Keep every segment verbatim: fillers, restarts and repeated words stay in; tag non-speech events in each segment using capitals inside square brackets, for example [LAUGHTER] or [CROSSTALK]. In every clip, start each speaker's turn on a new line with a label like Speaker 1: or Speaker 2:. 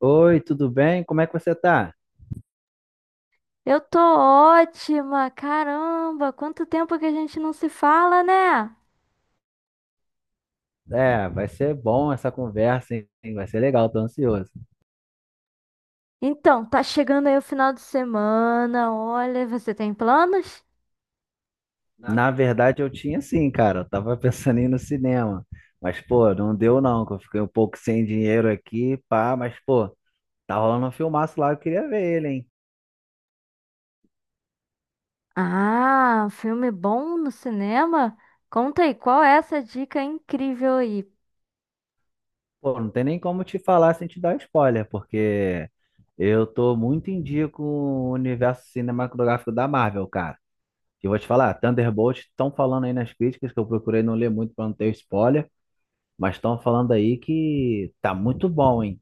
Speaker 1: Oi, tudo bem? Como é que você tá?
Speaker 2: Eu tô ótima, caramba, quanto tempo que a gente não se fala, né?
Speaker 1: É, vai ser bom essa conversa, hein? Vai ser legal, tô ansioso.
Speaker 2: Então, tá chegando aí o final de semana, olha, você tem planos?
Speaker 1: Na verdade, eu tinha sim, cara. Eu tava [LAUGHS] pensando em ir no cinema. Mas, pô, não deu não, que eu fiquei um pouco sem dinheiro aqui, pá. Mas, pô, tá rolando um filmaço lá, eu queria ver ele, hein?
Speaker 2: Ah, filme bom no cinema? Conta aí, qual é essa dica incrível aí?
Speaker 1: Pô, não tem nem como te falar sem te dar spoiler, porque eu tô muito em dia com o universo cinematográfico da Marvel, cara. E eu vou te falar, Thunderbolt estão falando aí nas críticas, que eu procurei não ler muito pra não ter spoiler. Mas estão falando aí que tá muito bom, hein?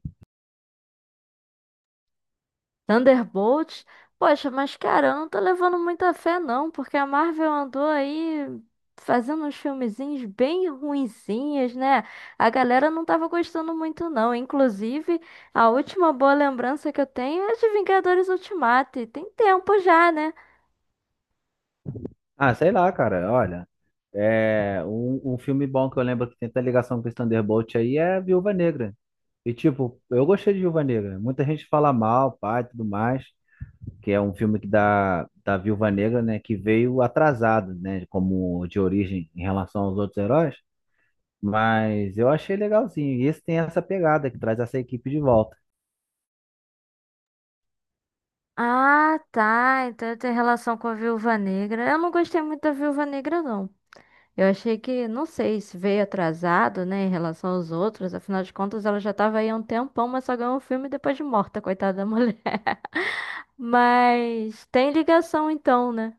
Speaker 2: Thunderbolts? Poxa, mas cara, eu não tô levando muita fé não, porque a Marvel andou aí fazendo uns filmezinhos bem ruinzinhos, né? A galera não tava gostando muito não. Inclusive, a última boa lembrança que eu tenho é de Vingadores Ultimato, e tem tempo já, né?
Speaker 1: Ah, sei lá, cara. Olha, é um, um filme bom que eu lembro que tem até ligação com esse Thunderbolt aí é Viúva Negra. E tipo, eu gostei de Viúva Negra. Muita gente fala mal, pai, e tudo mais, que é um filme que da da Viúva Negra, né, que veio atrasado, né, como de origem em relação aos outros heróis. Mas eu achei legalzinho. E esse tem essa pegada que traz essa equipe de volta.
Speaker 2: Ah, tá. Então tem relação com a Viúva Negra. Eu não gostei muito da Viúva Negra, não. Eu achei que, não sei, se veio atrasado, né, em relação aos outros. Afinal de contas, ela já tava aí há um tempão, mas só ganhou o filme depois de morta, [LAUGHS] coitada da mulher. [LAUGHS] Mas tem ligação então, né?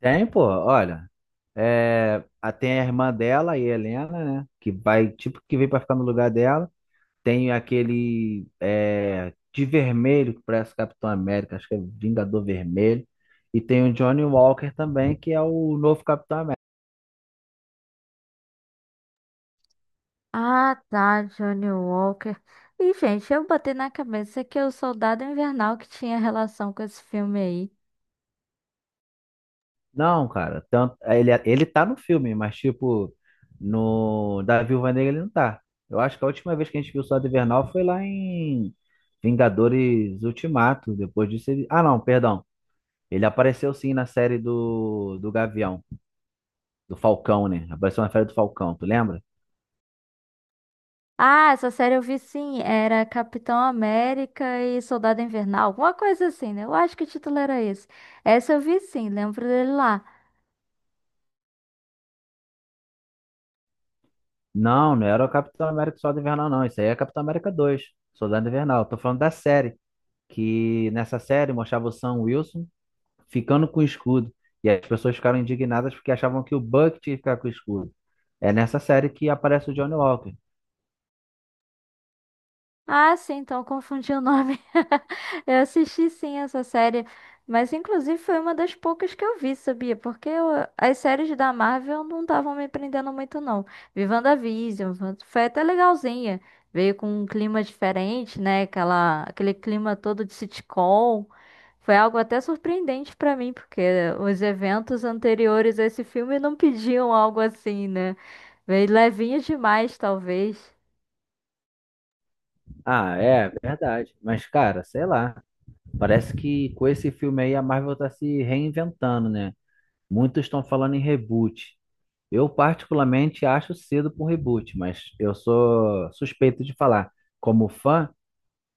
Speaker 1: Tem, pô, olha. É, a- tem a irmã dela, a Helena, né? Que vai, tipo, que vem pra ficar no lugar dela. Tem aquele é, de vermelho, que parece Capitão América, acho que é Vingador Vermelho. E tem o Johnny Walker também, que é o novo Capitão América.
Speaker 2: Ah, tá, Johnny Walker. E, gente, eu botei na cabeça que é o Soldado Invernal que tinha relação com esse filme aí.
Speaker 1: Não, cara, tanto, ele, é, ele tá no filme, mas, tipo, no da Viúva Negra ele não tá. Eu acho que a última vez que a gente viu o Soldado Invernal foi lá em Vingadores Ultimato. Depois disso ele. Ah, não, perdão. Ele apareceu sim na série do, do Gavião, do Falcão, né? Apareceu na série do Falcão, tu lembra?
Speaker 2: Ah, essa série eu vi sim, era Capitão América e Soldado Invernal, alguma coisa assim, né? Eu acho que o título era esse. Essa eu vi sim, lembro dele lá.
Speaker 1: Não, não era o Capitão América Soldado Invernal, não. Isso aí é Capitão América dois, Soldado Invernal. Tô falando da série, que nessa série mostrava o Sam Wilson ficando com o escudo. E as pessoas ficaram indignadas porque achavam que o Buck tinha que ficar com o escudo. É nessa série que aparece o Johnny Walker.
Speaker 2: Ah, sim, então confundi o nome. [LAUGHS] Eu assisti sim essa série, mas inclusive foi uma das poucas que eu vi, sabia? Porque eu- as séries da Marvel não estavam me prendendo muito, não. Vi WandaVision, Wan- foi até legalzinha. Veio com um clima diferente, né? Aquela, aquele clima todo de sitcom. Foi algo até surpreendente pra mim, porque os eventos anteriores a esse filme não pediam algo assim, né? Veio levinho demais, talvez.
Speaker 1: Ah, é verdade. Mas, cara, sei lá. Parece que com esse filme aí a Marvel tá se reinventando, né? Muitos estão falando em reboot. Eu particularmente acho cedo para um reboot, mas eu sou suspeito de falar. Como fã,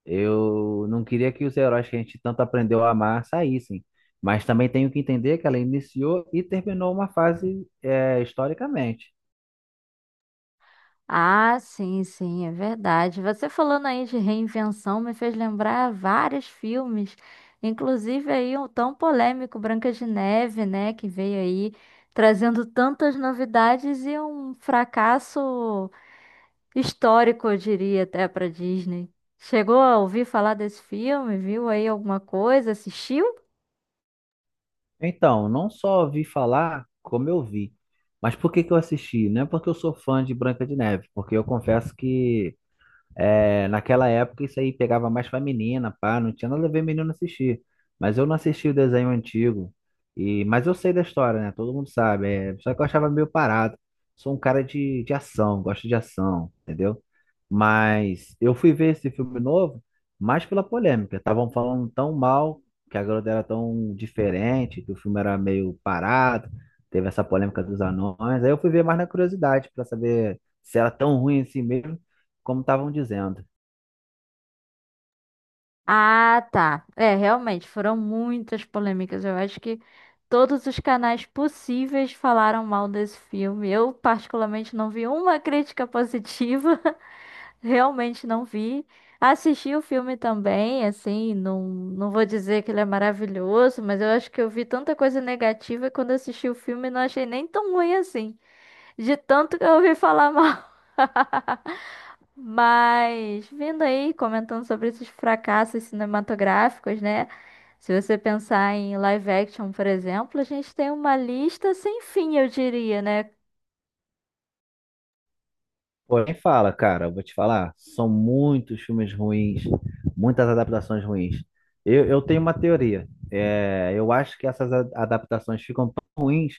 Speaker 1: eu não queria que os heróis que a gente tanto aprendeu a amar saíssem. Mas também tenho que entender que ela iniciou e terminou uma fase, é, historicamente.
Speaker 2: Ah, sim, sim, é verdade. Você falando aí de reinvenção me fez lembrar vários filmes, inclusive aí o tão polêmico Branca de Neve, né, que veio aí trazendo tantas novidades e um fracasso histórico, eu diria até para Disney. Chegou a ouvir falar desse filme? Viu aí alguma coisa? Assistiu?
Speaker 1: Então, não só ouvi falar, como eu vi. Mas por que que eu assisti? Não é porque eu sou fã de Branca de Neve, porque eu confesso que é, naquela época isso aí pegava mais pra menina, pá, não tinha nada a ver menino assistir. Mas eu não assisti o desenho antigo. E, mas eu sei da história, né? Todo mundo sabe. É, só que eu achava meio parado. Sou um cara de, de ação, gosto de ação, entendeu? Mas eu fui ver esse filme novo mais pela polêmica. Estavam falando tão mal, que a garota era tão diferente, que o filme era meio parado, teve essa polêmica dos anões. Aí eu fui ver mais na curiosidade, pra saber se era tão ruim assim mesmo como estavam dizendo.
Speaker 2: Ah, tá. É, realmente, foram muitas polêmicas. Eu acho que todos os canais possíveis falaram mal desse filme. Eu, particularmente, não vi uma crítica positiva. [LAUGHS] Realmente não vi. Assisti o filme também, assim, não, não vou dizer que ele é maravilhoso, mas eu acho que eu vi tanta coisa negativa e quando assisti o filme não achei nem tão ruim assim, de tanto que eu ouvi falar mal. [LAUGHS] Mas, vindo aí, comentando sobre esses fracassos cinematográficos, né? Se você pensar em live action, por exemplo, a gente tem uma lista sem fim, eu diria, né?
Speaker 1: Porém, fala, cara, eu vou te falar, são muitos filmes ruins, muitas adaptações ruins. Eu, eu tenho uma teoria. É, eu acho que essas a- adaptações ficam tão ruins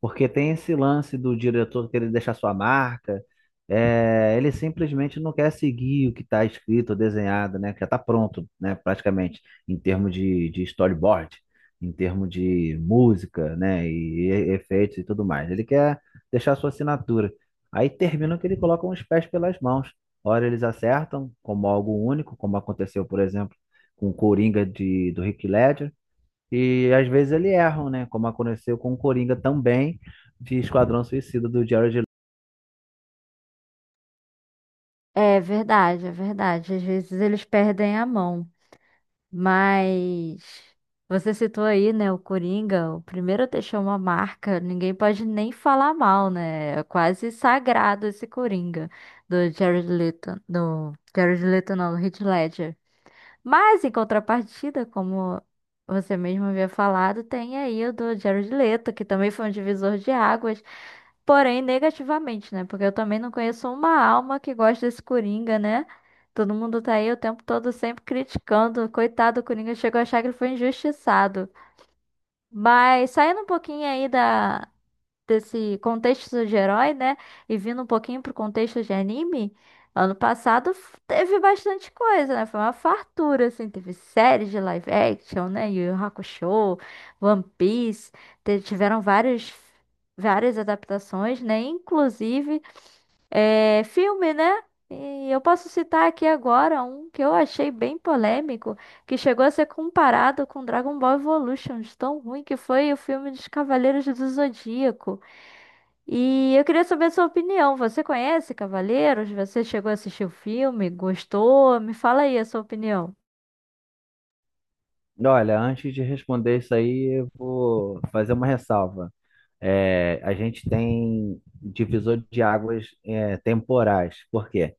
Speaker 1: porque tem esse lance do diretor querer deixar sua marca. É, ele simplesmente não quer seguir o que está escrito, desenhado, né? Que já está pronto, né? Praticamente, em termos de, de storyboard, em termos de música, né? E, e efeitos e tudo mais. Ele quer deixar sua assinatura. Aí termina que ele coloca os pés pelas mãos. Ora eles acertam, como algo único, como aconteceu, por exemplo, com o Coringa de, do Heath Ledger. E às vezes ele erram, né? Como aconteceu com o Coringa também de Esquadrão Suicida do Jared Leto.
Speaker 2: É verdade, é verdade. Às vezes eles perdem a mão. Mas você citou aí, né, o Coringa, o primeiro a deixar uma marca, ninguém pode nem falar mal, né? É quase sagrado esse Coringa do Jared Leto, do Jared Leto, não, do Heath Ledger. Mas, em contrapartida, como você mesmo havia falado, tem aí o do Jared Leto, que também foi um divisor de águas, porém negativamente, né? Porque eu também não conheço uma alma que gosta desse Coringa, né? Todo mundo tá aí o tempo todo sempre criticando. Coitado do Coringa, chegou a achar que ele foi injustiçado. Mas saindo um pouquinho aí da desse contexto de herói, né? E vindo um pouquinho pro contexto de anime, ano passado f- teve bastante coisa, né? Foi uma fartura, assim. Teve séries de live action, né? Yu Yu Hakusho, One Piece. te- Tiveram vários, várias adaptações, né? Inclusive é, filme, né? E eu posso citar aqui agora um que eu achei bem polêmico, que chegou a ser comparado com Dragon Ball Evolution, de tão ruim que foi o filme dos Cavaleiros do Zodíaco. E eu queria saber a sua opinião. Você conhece Cavaleiros? Você chegou a assistir o filme? Gostou? Me fala aí a sua opinião.
Speaker 1: Olha, antes de responder isso aí, eu vou fazer uma ressalva. É, a gente tem divisor de águas, é, temporais. Por quê?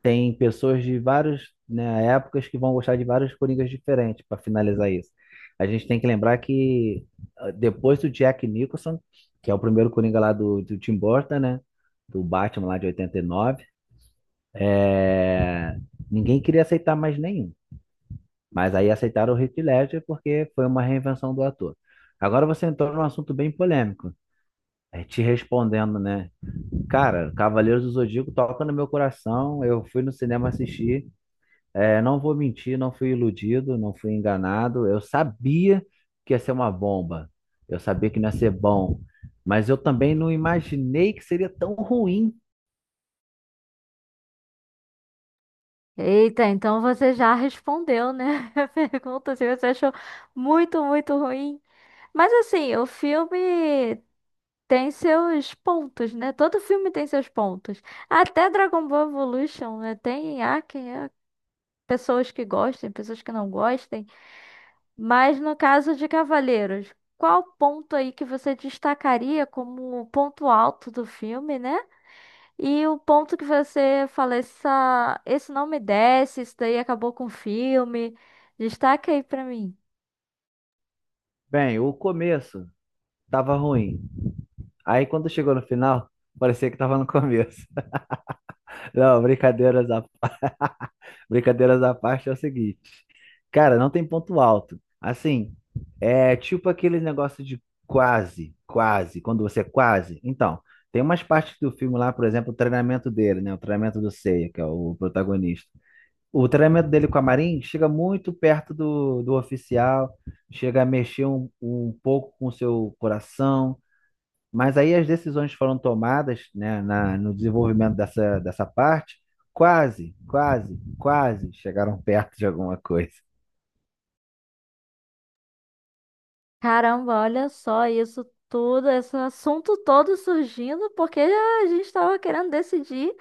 Speaker 1: Tem pessoas de vários, né, épocas que vão gostar de vários Coringas diferentes para finalizar isso. A gente tem que lembrar que ah, depois do Jack Nicholson, que é o primeiro Coringa lá do, do Tim Burton, né? Do Batman lá de oitenta e nove, é, ninguém queria aceitar mais nenhum. Mas aí aceitaram o Heath Ledger porque foi uma reinvenção do ator. Agora você entrou num assunto bem polêmico. É, te respondendo, né? Cara, Cavaleiros do Zodíaco toca no meu coração. Eu fui no cinema assistir. É, não vou mentir, não fui iludido, não fui enganado. Eu sabia que ia ser uma bomba. Eu sabia que não ia ser bom. Mas eu também não imaginei que seria tão ruim.
Speaker 2: Eita, então você já respondeu, né? [LAUGHS] A pergunta se você achou muito, muito ruim. Mas assim, o filme tem seus pontos, né? Todo filme tem seus pontos. Até Dragon Ball Evolution, né? Tem há quem há pessoas que gostem, pessoas que não gostem. Mas no caso de Cavaleiros, qual ponto aí que você destacaria como o ponto alto do filme, né? E o ponto que você fala, essa, esse não me desce, isso daí acabou com o filme. Destaca aí pra mim.
Speaker 1: Bem, o começo tava ruim. Aí quando chegou no final, parecia que tava no começo. [LAUGHS] Não, brincadeiras à Brincadeiras à parte é o seguinte. Cara, não tem ponto alto. Assim, é tipo aquele negócio de quase, quase, quando você é quase. Então, tem umas partes do filme lá, por exemplo, o treinamento dele, né? O treinamento do Seiya, que é o protagonista. O treinamento dele com a Marin chega muito perto do, do oficial, chega a mexer um, um pouco com o seu coração. Mas aí as decisões foram tomadas, né, na, no desenvolvimento dessa, dessa parte, quase, quase, quase chegaram perto de alguma coisa.
Speaker 2: Caramba, olha só isso tudo, esse assunto todo surgindo porque a gente tava querendo decidir.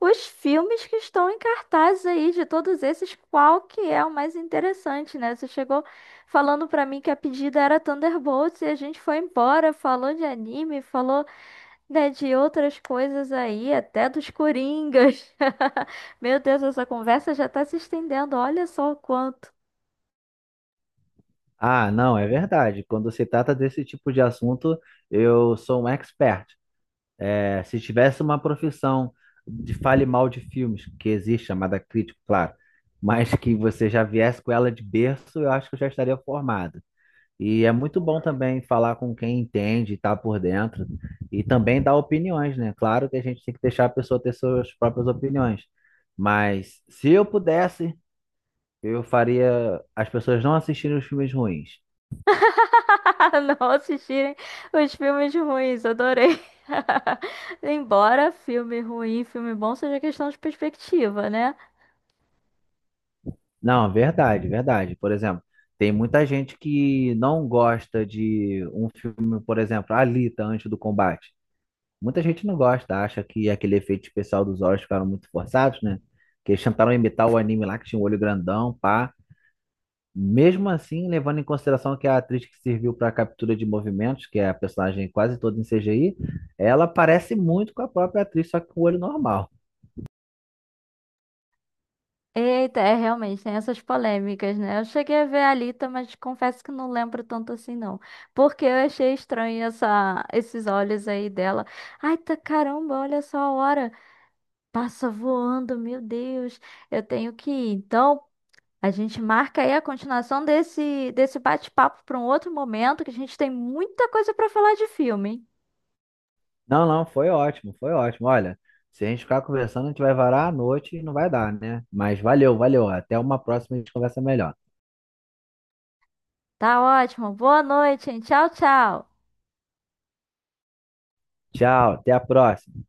Speaker 2: Os filmes que estão em cartaz aí, de todos esses, qual que é o mais interessante, né? Você chegou falando pra mim que a pedida era Thunderbolts e a gente foi embora, falou de anime, falou, né, de outras coisas aí, até dos Coringas. [LAUGHS] Meu Deus, essa conversa já tá se estendendo, olha só o quanto.
Speaker 1: Ah, não, é verdade. Quando se trata desse tipo de assunto, eu sou um expert. É, se tivesse uma profissão de fale mal de filmes, que existe, chamada crítico, claro, mas que você já viesse com ela de berço, eu acho que eu já estaria formado. E é muito bom também falar com quem entende, e tá por dentro, e também dar opiniões, né? Claro que a gente tem que deixar a pessoa ter suas próprias opiniões, mas se eu pudesse, eu faria as pessoas não assistirem os filmes ruins.
Speaker 2: [LAUGHS] Não assistirem os filmes ruins, adorei. [LAUGHS] Embora filme ruim, filme bom seja questão de perspectiva, né?
Speaker 1: Não, verdade, verdade. Por exemplo, tem muita gente que não gosta de um filme, por exemplo, Alita, Antes do Combate. Muita gente não gosta, acha que aquele efeito especial dos olhos ficaram muito forçados, né? Que eles tentaram imitar o anime lá, que tinha um olho grandão, pá. Mesmo assim, levando em consideração que a atriz que serviu para a captura de movimentos, que é a personagem quase toda em C G I, ela parece muito com a própria atriz, só que com o olho normal.
Speaker 2: Eita, é realmente, tem essas polêmicas, né? Eu cheguei a ver a Alita, mas confesso que não lembro tanto assim, não. Porque eu achei estranho essa, esses olhos aí dela. Ai, tá caramba, olha só a hora. Passa voando, meu Deus. Eu tenho que ir. Então, a gente marca aí a continuação desse, desse bate-papo para um outro momento, que a gente tem muita coisa para falar de filme.
Speaker 1: Não, não, foi ótimo, foi ótimo. Olha, se a gente ficar conversando, a gente vai varar a noite e não vai dar, né? Mas valeu, valeu. Até uma próxima, a gente conversa melhor.
Speaker 2: Tá ótimo. Boa noite, hein? Tchau, tchau.
Speaker 1: Tchau, até a próxima.